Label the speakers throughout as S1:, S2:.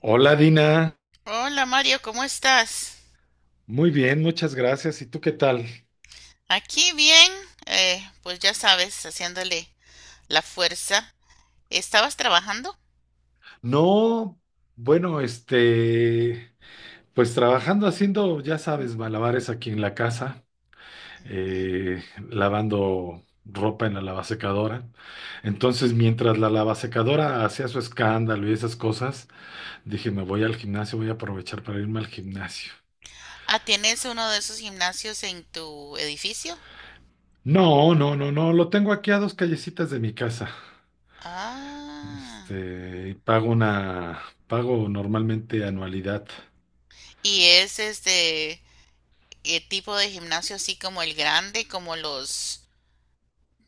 S1: Hola Dina,
S2: Hola Mario, ¿cómo estás?
S1: muy bien, muchas gracias. ¿Y tú qué tal?
S2: Aquí bien, pues ya sabes, haciéndole la fuerza. ¿Estabas trabajando?
S1: No, bueno, pues trabajando haciendo, ya sabes, malabares aquí en la casa,
S2: ¿Mm?
S1: eh, lavando ropa en la lavasecadora. Entonces, mientras la lavasecadora hacía su escándalo y esas cosas, dije, me voy al gimnasio, voy a aprovechar para irme al gimnasio.
S2: Ah, ¿tienes uno de esos gimnasios en tu edificio?
S1: No, no, no, no, lo tengo aquí a dos callecitas de mi casa.
S2: Ah,
S1: Y pago normalmente anualidad.
S2: y es tipo de gimnasio así como el grande, como los,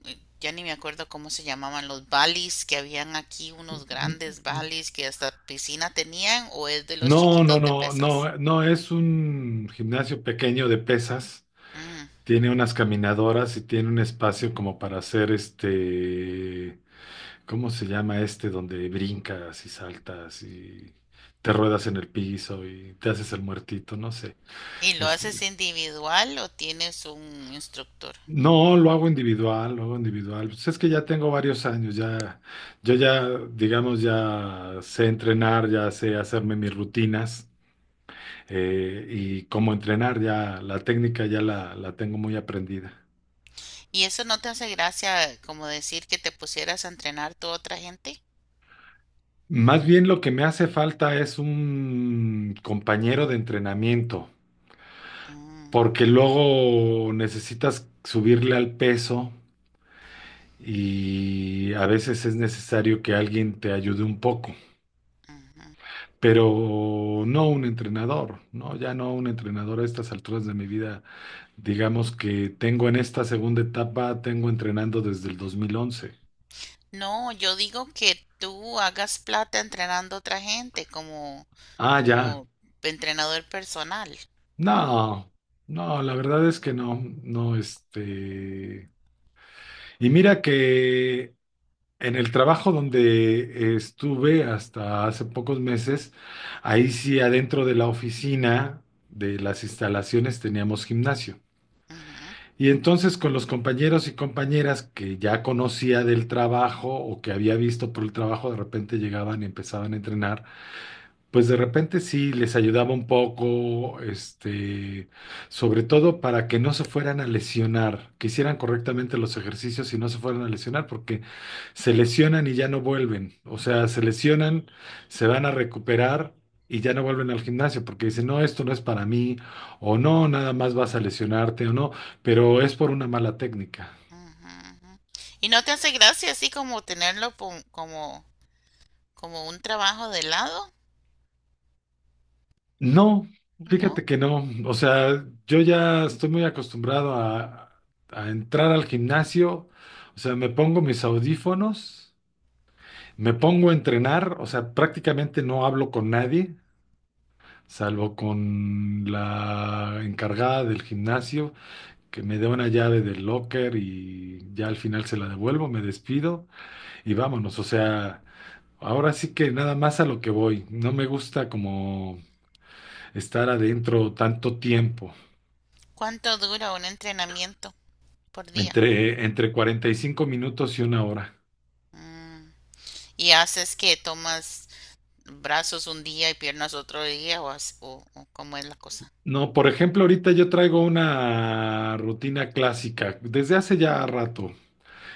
S2: eh, ya ni me acuerdo cómo se llamaban, los balis que habían aquí, unos
S1: N-
S2: grandes
S1: n-
S2: balis que hasta piscina tenían, o es de los
S1: No, no,
S2: chiquitos de
S1: no,
S2: pesas.
S1: no, no, es un gimnasio pequeño de pesas.
S2: Mm.
S1: Tiene unas caminadoras y tiene un espacio como para hacer ¿cómo se llama este? Donde brincas y saltas y te ruedas en el piso y te haces el muertito, no sé.
S2: ¿Y lo
S1: Es-
S2: haces individual o tienes un instructor?
S1: no, lo hago individual, lo hago individual. Pues es que ya tengo varios años, yo ya, digamos, ya sé entrenar, ya sé hacerme mis rutinas. Y cómo entrenar, ya la técnica ya la tengo muy aprendida.
S2: ¿Y eso no te hace gracia como decir que te pusieras a entrenar tú a otra gente?
S1: Más bien lo que me hace falta es un compañero de entrenamiento,
S2: Mm,
S1: porque luego necesitas subirle al peso y a veces es necesario que alguien te ayude un poco,
S2: ujú.
S1: pero no un entrenador, no, ya no un entrenador a estas alturas de mi vida. Digamos que tengo en esta segunda etapa, tengo entrenando desde el 2011.
S2: No, yo digo que tú hagas plata entrenando a otra gente
S1: Ah, ya.
S2: como entrenador personal.
S1: No, no, la verdad es que no, no. Y mira que en el trabajo donde estuve hasta hace pocos meses, ahí
S2: Ujú,
S1: sí adentro de la oficina, de las instalaciones, teníamos gimnasio.
S2: ujú,
S1: Y entonces con los compañeros y compañeras que ya conocía del trabajo o que había visto por el trabajo, de repente llegaban y empezaban a entrenar. Pues de repente sí les ayudaba un poco, sobre todo para que no se fueran a lesionar, que hicieran correctamente los ejercicios y no se fueran a lesionar, porque se lesionan y ya no vuelven. O sea, se lesionan, se van a recuperar y ya no vuelven al gimnasio, porque dicen, no, esto no es para mí, o no, nada más vas a lesionarte, o no, pero es por una mala técnica.
S2: ujú, ujú. ¿Y no te hace gracia así como tenerlo como, como un trabajo de lado?
S1: No,
S2: ¿No?
S1: fíjate que no. O sea, yo ya estoy muy acostumbrado a entrar al gimnasio. O sea, me pongo mis audífonos, me pongo a entrenar. O sea, prácticamente no hablo con nadie, salvo con la encargada del gimnasio, que me dé una llave del locker y ya al final se la devuelvo, me despido y vámonos. O sea, ahora sí que nada más a lo que voy. No me gusta como estar adentro tanto tiempo.
S2: ¿Cuánto dura un entrenamiento por día?
S1: Entre 45 minutos y una hora.
S2: Mm. Y haces que tomas brazos un día y piernas otro día o, o cómo es la cosa.
S1: No, por ejemplo, ahorita yo traigo una rutina clásica desde hace ya rato.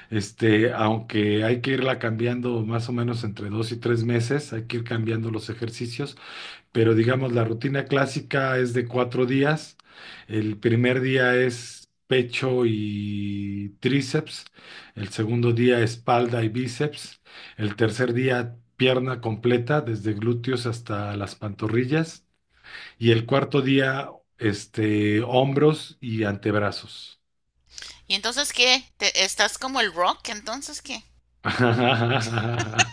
S1: Aunque hay que irla cambiando más o menos entre 2 y 3 meses, hay que ir cambiando los ejercicios, pero digamos la rutina clásica es de 4 días. El primer día es pecho y tríceps, el segundo día espalda y bíceps, el tercer día pierna completa, desde glúteos hasta las pantorrillas, y el cuarto día, hombros y antebrazos.
S2: Y entonces qué, estás como el rock? Entonces qué,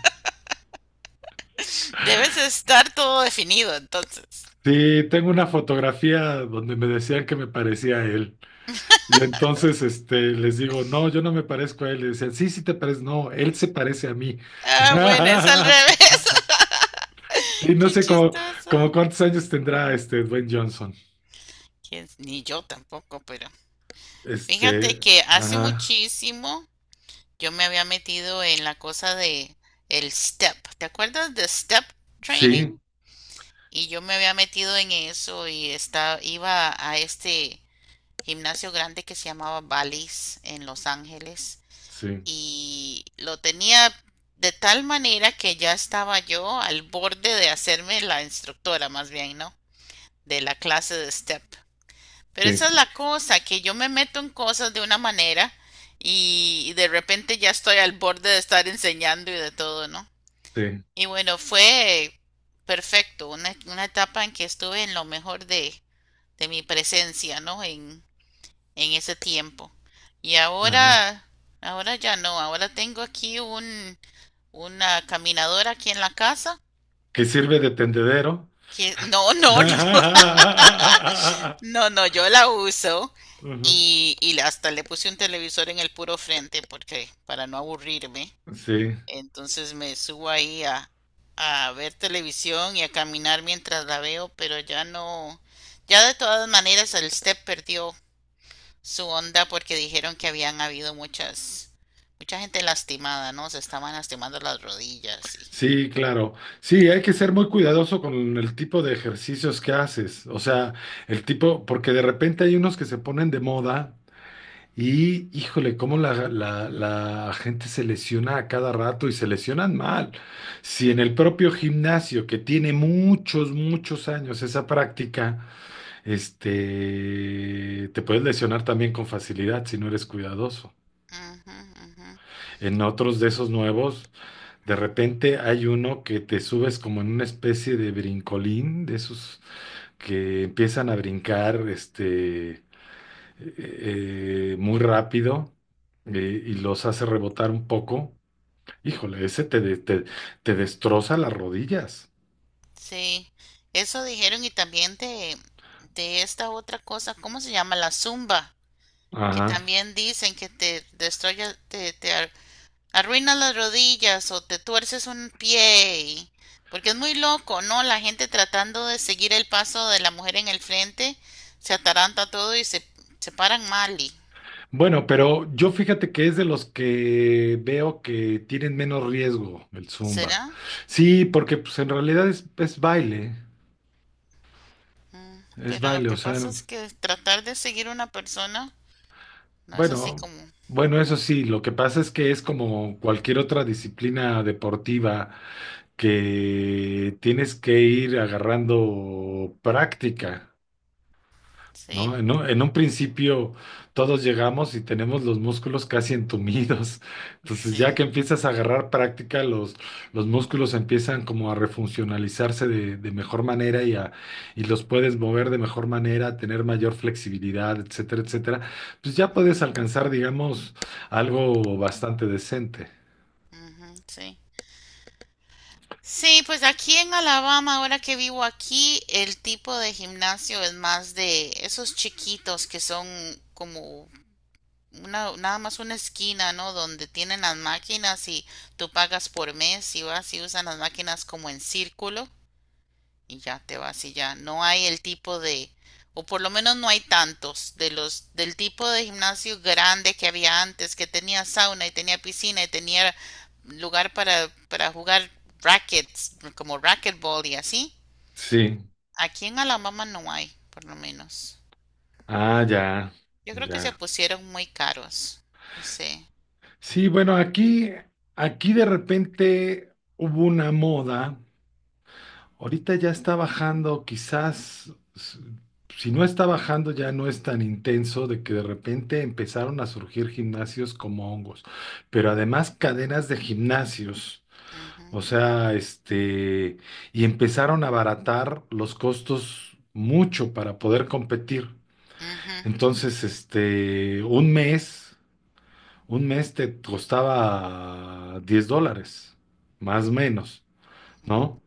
S2: debes estar todo definido, entonces.
S1: Sí, tengo una fotografía donde me decían que me parecía a él. Y entonces les digo, no, yo no me parezco a él. Y decían, sí, sí te pareces. No, él se parece a mí.
S2: Ah, bueno, es al revés.
S1: Sí, no
S2: Qué
S1: sé cómo
S2: chistoso.
S1: cuántos años tendrá este Dwayne Johnson.
S2: Ni yo tampoco? Pero fíjate que hace
S1: Ajá.
S2: muchísimo yo me había metido en la cosa de el step. ¿Te acuerdas de step
S1: Sí,
S2: training? Y yo me había metido en eso y estaba, iba a este gimnasio grande que se llamaba Bally's en Los Ángeles
S1: sí,
S2: y lo tenía de tal manera que ya estaba yo al borde de hacerme la instructora, más bien, ¿no? De la clase de step. Pero
S1: sí,
S2: esa es la cosa, que yo me meto en cosas de una manera y de repente ya estoy al borde de estar enseñando y de todo, ¿no?
S1: sí,
S2: Y bueno, fue perfecto, una etapa en que estuve en lo mejor de mi presencia, ¿no? En ese tiempo. Y
S1: ajá.
S2: ahora, ahora ya no, ahora tengo aquí un, una caminadora aquí en la casa
S1: Que sirve de tendedero.
S2: que no, no, yo la uso
S1: Ujú.
S2: y hasta le puse un televisor en el puro frente porque para no aburrirme.
S1: Sí,
S2: Entonces me subo ahí a ver televisión y a caminar mientras la veo, pero ya no, ya de todas maneras el step perdió su onda porque dijeron que habían habido muchas, mucha gente lastimada, ¿no? Se estaban lastimando las rodillas y...
S1: sí, claro. Sí, hay que ser muy cuidadoso con el tipo de ejercicios que haces. O sea, el tipo, porque de repente hay unos que se ponen de moda. Y híjole, cómo la gente se lesiona a cada rato y se lesionan mal. Si en el propio gimnasio, que tiene muchos, muchos años esa práctica, te puedes lesionar también con facilidad si no eres cuidadoso.
S2: Ujú, ujú.
S1: En otros de esos nuevos, de repente hay uno que te subes como en una especie de brincolín, de esos que empiezan a brincar, muy rápido, y los hace rebotar un poco, híjole, ese te, te destroza las rodillas.
S2: Sí, eso dijeron y también de esta otra cosa, ¿cómo se llama? La zumba, que
S1: Ajá.
S2: también dicen que te destruye, te, arruina las rodillas o te tuerces un pie, porque es muy loco, ¿no? La gente tratando de seguir el paso de la mujer en el frente, se ataranta todo y se paran mal,
S1: Bueno, pero yo fíjate que es de los que veo que tienen menos riesgo el zumba.
S2: ¿será?
S1: Sí, porque pues en realidad es baile,
S2: Mm,
S1: es
S2: pero lo
S1: baile, o
S2: que
S1: sea,
S2: pasa es que tratar de seguir una persona no es así
S1: bueno,
S2: como,
S1: bueno, eso sí, lo que pasa es que es como cualquier otra disciplina deportiva que tienes que ir agarrando práctica, ¿no?
S2: sí,
S1: En un principio todos llegamos y tenemos los músculos casi entumidos. Entonces, ya
S2: sí,
S1: que empiezas a agarrar práctica, los músculos empiezan como a refuncionalizarse de mejor manera y, a, y los puedes mover de mejor manera, tener mayor flexibilidad, etcétera, etcétera. Pues ya puedes alcanzar, digamos, algo bastante decente.
S2: ujú, sí. Sí, pues aquí en Alabama, ahora que vivo aquí, el tipo de gimnasio es más de esos chiquitos que son como una, nada más una esquina, ¿no? Donde tienen las máquinas y tú pagas por mes y vas y usan las máquinas como en círculo. Y ya te vas y ya no hay el tipo de, o por lo menos no hay tantos de los del tipo de gimnasio grande que había antes, que tenía sauna y tenía piscina y tenía lugar para jugar rackets, como racquetball y así.
S1: Sí.
S2: Aquí en Alabama no hay, por lo menos.
S1: Ah, ya,
S2: Yo creo que se
S1: ya.
S2: pusieron muy caros. No sé.
S1: Sí, bueno, aquí de repente hubo una moda. Ahorita ya está bajando, quizás, si no está bajando, ya no es tan intenso de que de repente empezaron a surgir gimnasios como hongos, pero además cadenas de gimnasios.
S2: Ujú,
S1: O sea, y empezaron a abaratar los costos mucho para poder competir.
S2: ujú, ujú,
S1: Entonces, un mes. Un mes te costaba $10, más o menos,
S2: ujú.
S1: ¿no?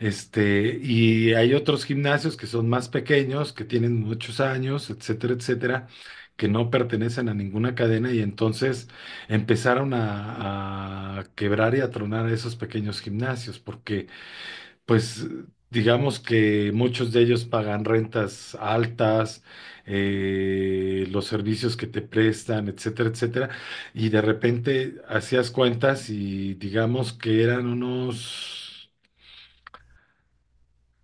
S1: Y hay otros gimnasios que son más pequeños, que tienen muchos años, etcétera, etcétera, que no pertenecen a ninguna cadena y entonces empezaron a quebrar y a tronar esos pequeños gimnasios porque pues digamos que muchos de ellos pagan rentas altas, los servicios que te prestan, etcétera, etcétera. Y de repente hacías cuentas y digamos que eran unos,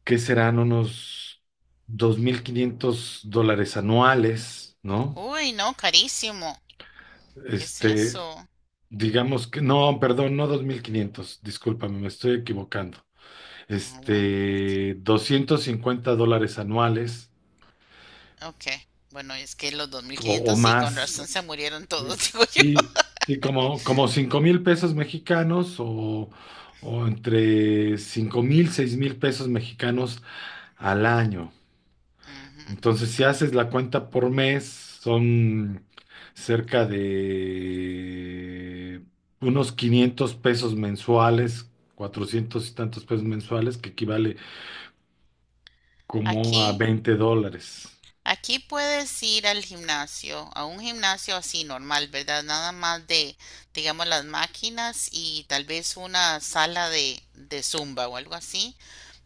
S1: ¿qué serán? Unos $2,500 anuales, ¿no?
S2: Uy, no, carísimo. ¿Qué es
S1: Este,
S2: eso?
S1: digamos que, no, perdón, no 2,500, discúlpame, me estoy equivocando.
S2: Ah, bueno, ok.
S1: $250 anuales.
S2: Ok. Bueno, es que los dos mil
S1: O, o
S2: quinientos sí, con
S1: más,
S2: razón se murieron
S1: sí,
S2: todos, digo yo.
S1: sí, sí, como, como 5,000 pesos mexicanos o entre 5,000, 6,000 pesos mexicanos al año.
S2: Ujú.
S1: Entonces, si haces la cuenta por mes, son cerca de unos 500 pesos mensuales, 400 y tantos pesos mensuales, que equivale como a
S2: Aquí,
S1: $20.
S2: aquí puedes ir al gimnasio, a un gimnasio así normal, ¿verdad? Nada más de, digamos, las máquinas y tal vez una sala de zumba o algo así.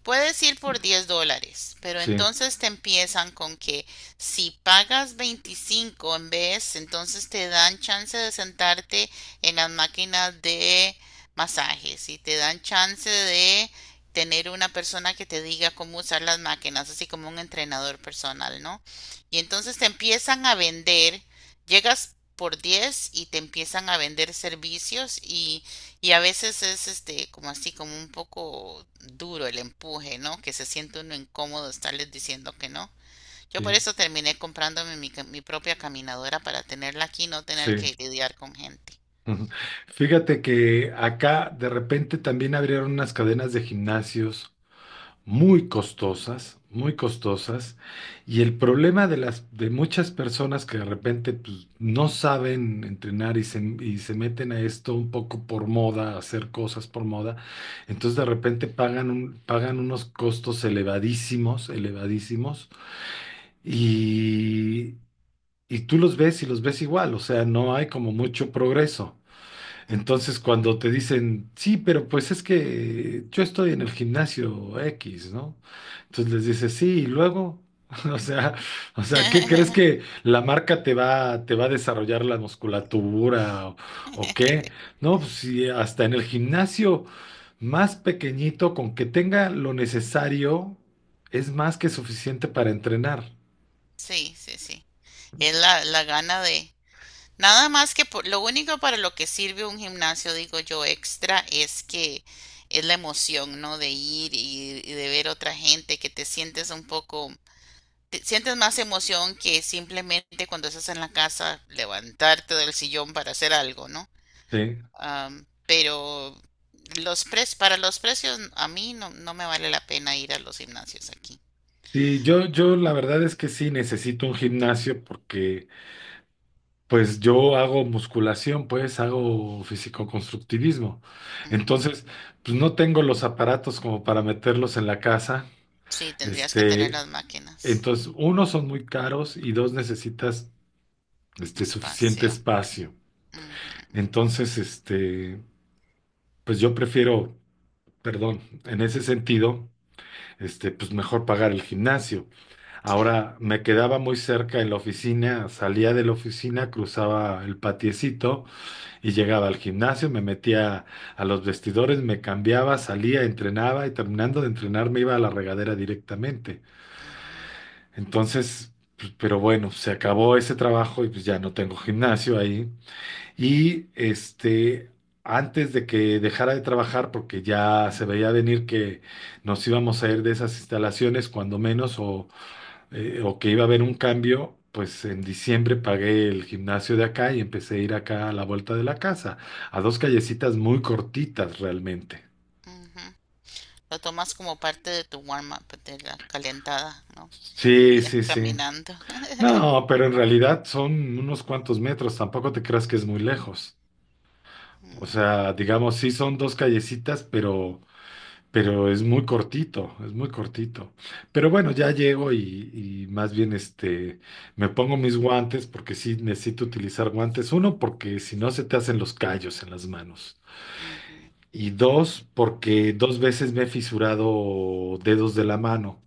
S2: Puedes ir por 10 dólares, pero
S1: Sí,
S2: entonces te empiezan con que si pagas 25 en vez, entonces te dan chance de sentarte en las máquinas de masajes y te dan chance de tener una persona que te diga cómo usar las máquinas, así como un entrenador personal, ¿no? Y entonces te empiezan a vender, llegas por 10 y te empiezan a vender servicios y a veces es este como así, como un poco duro el empuje, ¿no? Que se siente uno incómodo estarles diciendo que no. Yo por
S1: sí,
S2: eso terminé comprándome mi propia caminadora para tenerla aquí y no tener
S1: sí.
S2: que lidiar con gente.
S1: Ujú. Fíjate que acá de repente también abrieron unas cadenas de gimnasios muy costosas, y el problema de las de muchas personas que de repente pues, no saben entrenar y y se meten a esto un poco por moda, a hacer cosas por moda, entonces de repente pagan pagan unos costos elevadísimos, elevadísimos, y y tú los ves y los ves igual, o sea, no hay como mucho progreso.
S2: Ujú,
S1: Entonces, cuando te dicen, sí, pero pues es que yo estoy en el gimnasio X, ¿no? Entonces
S2: ujú,
S1: les dices, sí, y luego, o sea, o sea, ¿qué crees que la marca te va a desarrollar la musculatura o qué? No, pues sí, hasta en el gimnasio más pequeñito, con que tenga lo necesario, es más que suficiente para entrenar,
S2: sí, sí, sí. Es la, la gana de... Nada más lo único para lo que sirve un gimnasio, digo yo, extra, es que es la emoción, ¿no? De ir y de ver otra gente, que te sientes un poco sientes más emoción que simplemente cuando estás en la casa levantarte del sillón para hacer algo, ¿no?
S1: ¿sí?
S2: Am, pero para los precios a mí no, no me vale la pena ir a los gimnasios aquí.
S1: Sí, yo la verdad es que sí necesito un gimnasio porque pues yo hago musculación, pues hago fisicoconstructivismo.
S2: Ujú.
S1: Entonces, pues no tengo los aparatos como para meterlos en la casa.
S2: Sí, tendrías que tener
S1: Este,
S2: las máquinas,
S1: entonces, uno, son muy caros y dos, necesitas suficiente
S2: espacio.
S1: espacio.
S2: Ujú, ujú.
S1: Entonces, pues yo prefiero, perdón, en ese sentido, pues mejor pagar el gimnasio.
S2: Sí.
S1: Ahora me quedaba muy cerca en la oficina, salía de la oficina, cruzaba el patiecito y llegaba al gimnasio, me metía a los vestidores, me cambiaba, salía, entrenaba y terminando de entrenar me iba a la regadera directamente.
S2: Ujú,
S1: Entonces, pues, pero bueno, se acabó ese trabajo y pues ya no tengo gimnasio ahí. Y antes de que dejara de trabajar, porque ya se veía venir que nos íbamos a ir de esas instalaciones, cuando menos, o que iba a haber un cambio, pues en diciembre pagué el gimnasio de acá y empecé a ir acá a la vuelta de la casa, a dos callecitas muy cortitas realmente.
S2: ujú. Lo tomas como parte de tu warm-up, de la calentada, ¿no?
S1: Sí,
S2: Ir
S1: sí, sí.
S2: caminando.
S1: No, pero en realidad son unos cuantos metros, tampoco te creas que es muy lejos. O
S2: Bueno,
S1: sea, digamos, sí son dos callecitas, pero es muy cortito, es muy cortito. Pero bueno, ya llego y más bien me pongo mis guantes porque sí necesito utilizar guantes. Uno, porque si no se te hacen los callos en las manos.
S2: ujú,
S1: Y dos, porque dos veces me he fisurado dedos de la mano.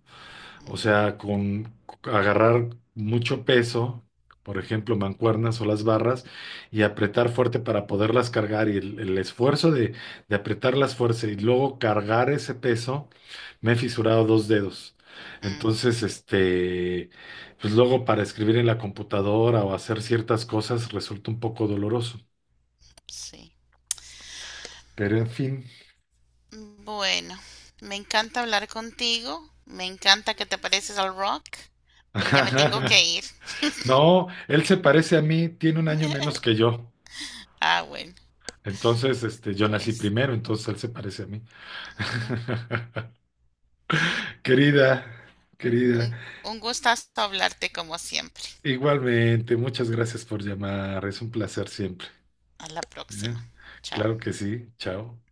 S1: O
S2: ujú,
S1: sea, con agarrar mucho peso, por ejemplo, mancuernas o las barras, y apretar fuerte para poderlas cargar. Y el esfuerzo de apretarlas fuerte y luego cargar ese peso, me he fisurado dos dedos.
S2: mm,
S1: Entonces, pues luego para escribir en la computadora o hacer ciertas cosas resulta un poco doloroso.
S2: sí.
S1: Pero en fin.
S2: Bueno, me encanta hablar contigo, me encanta que te pareces al rock, pero ya me tengo que ir.
S1: No, él se parece a mí, tiene un año menos que yo.
S2: Ah, bueno,
S1: Entonces, yo nací
S2: pues.
S1: primero, entonces él se parece a mí. Querida, querida,
S2: Un gustazo hablarte como siempre.
S1: igualmente, muchas gracias por llamar, es un placer siempre.
S2: A la próxima.
S1: ¿Eh?
S2: Chao.
S1: Claro que sí, chao.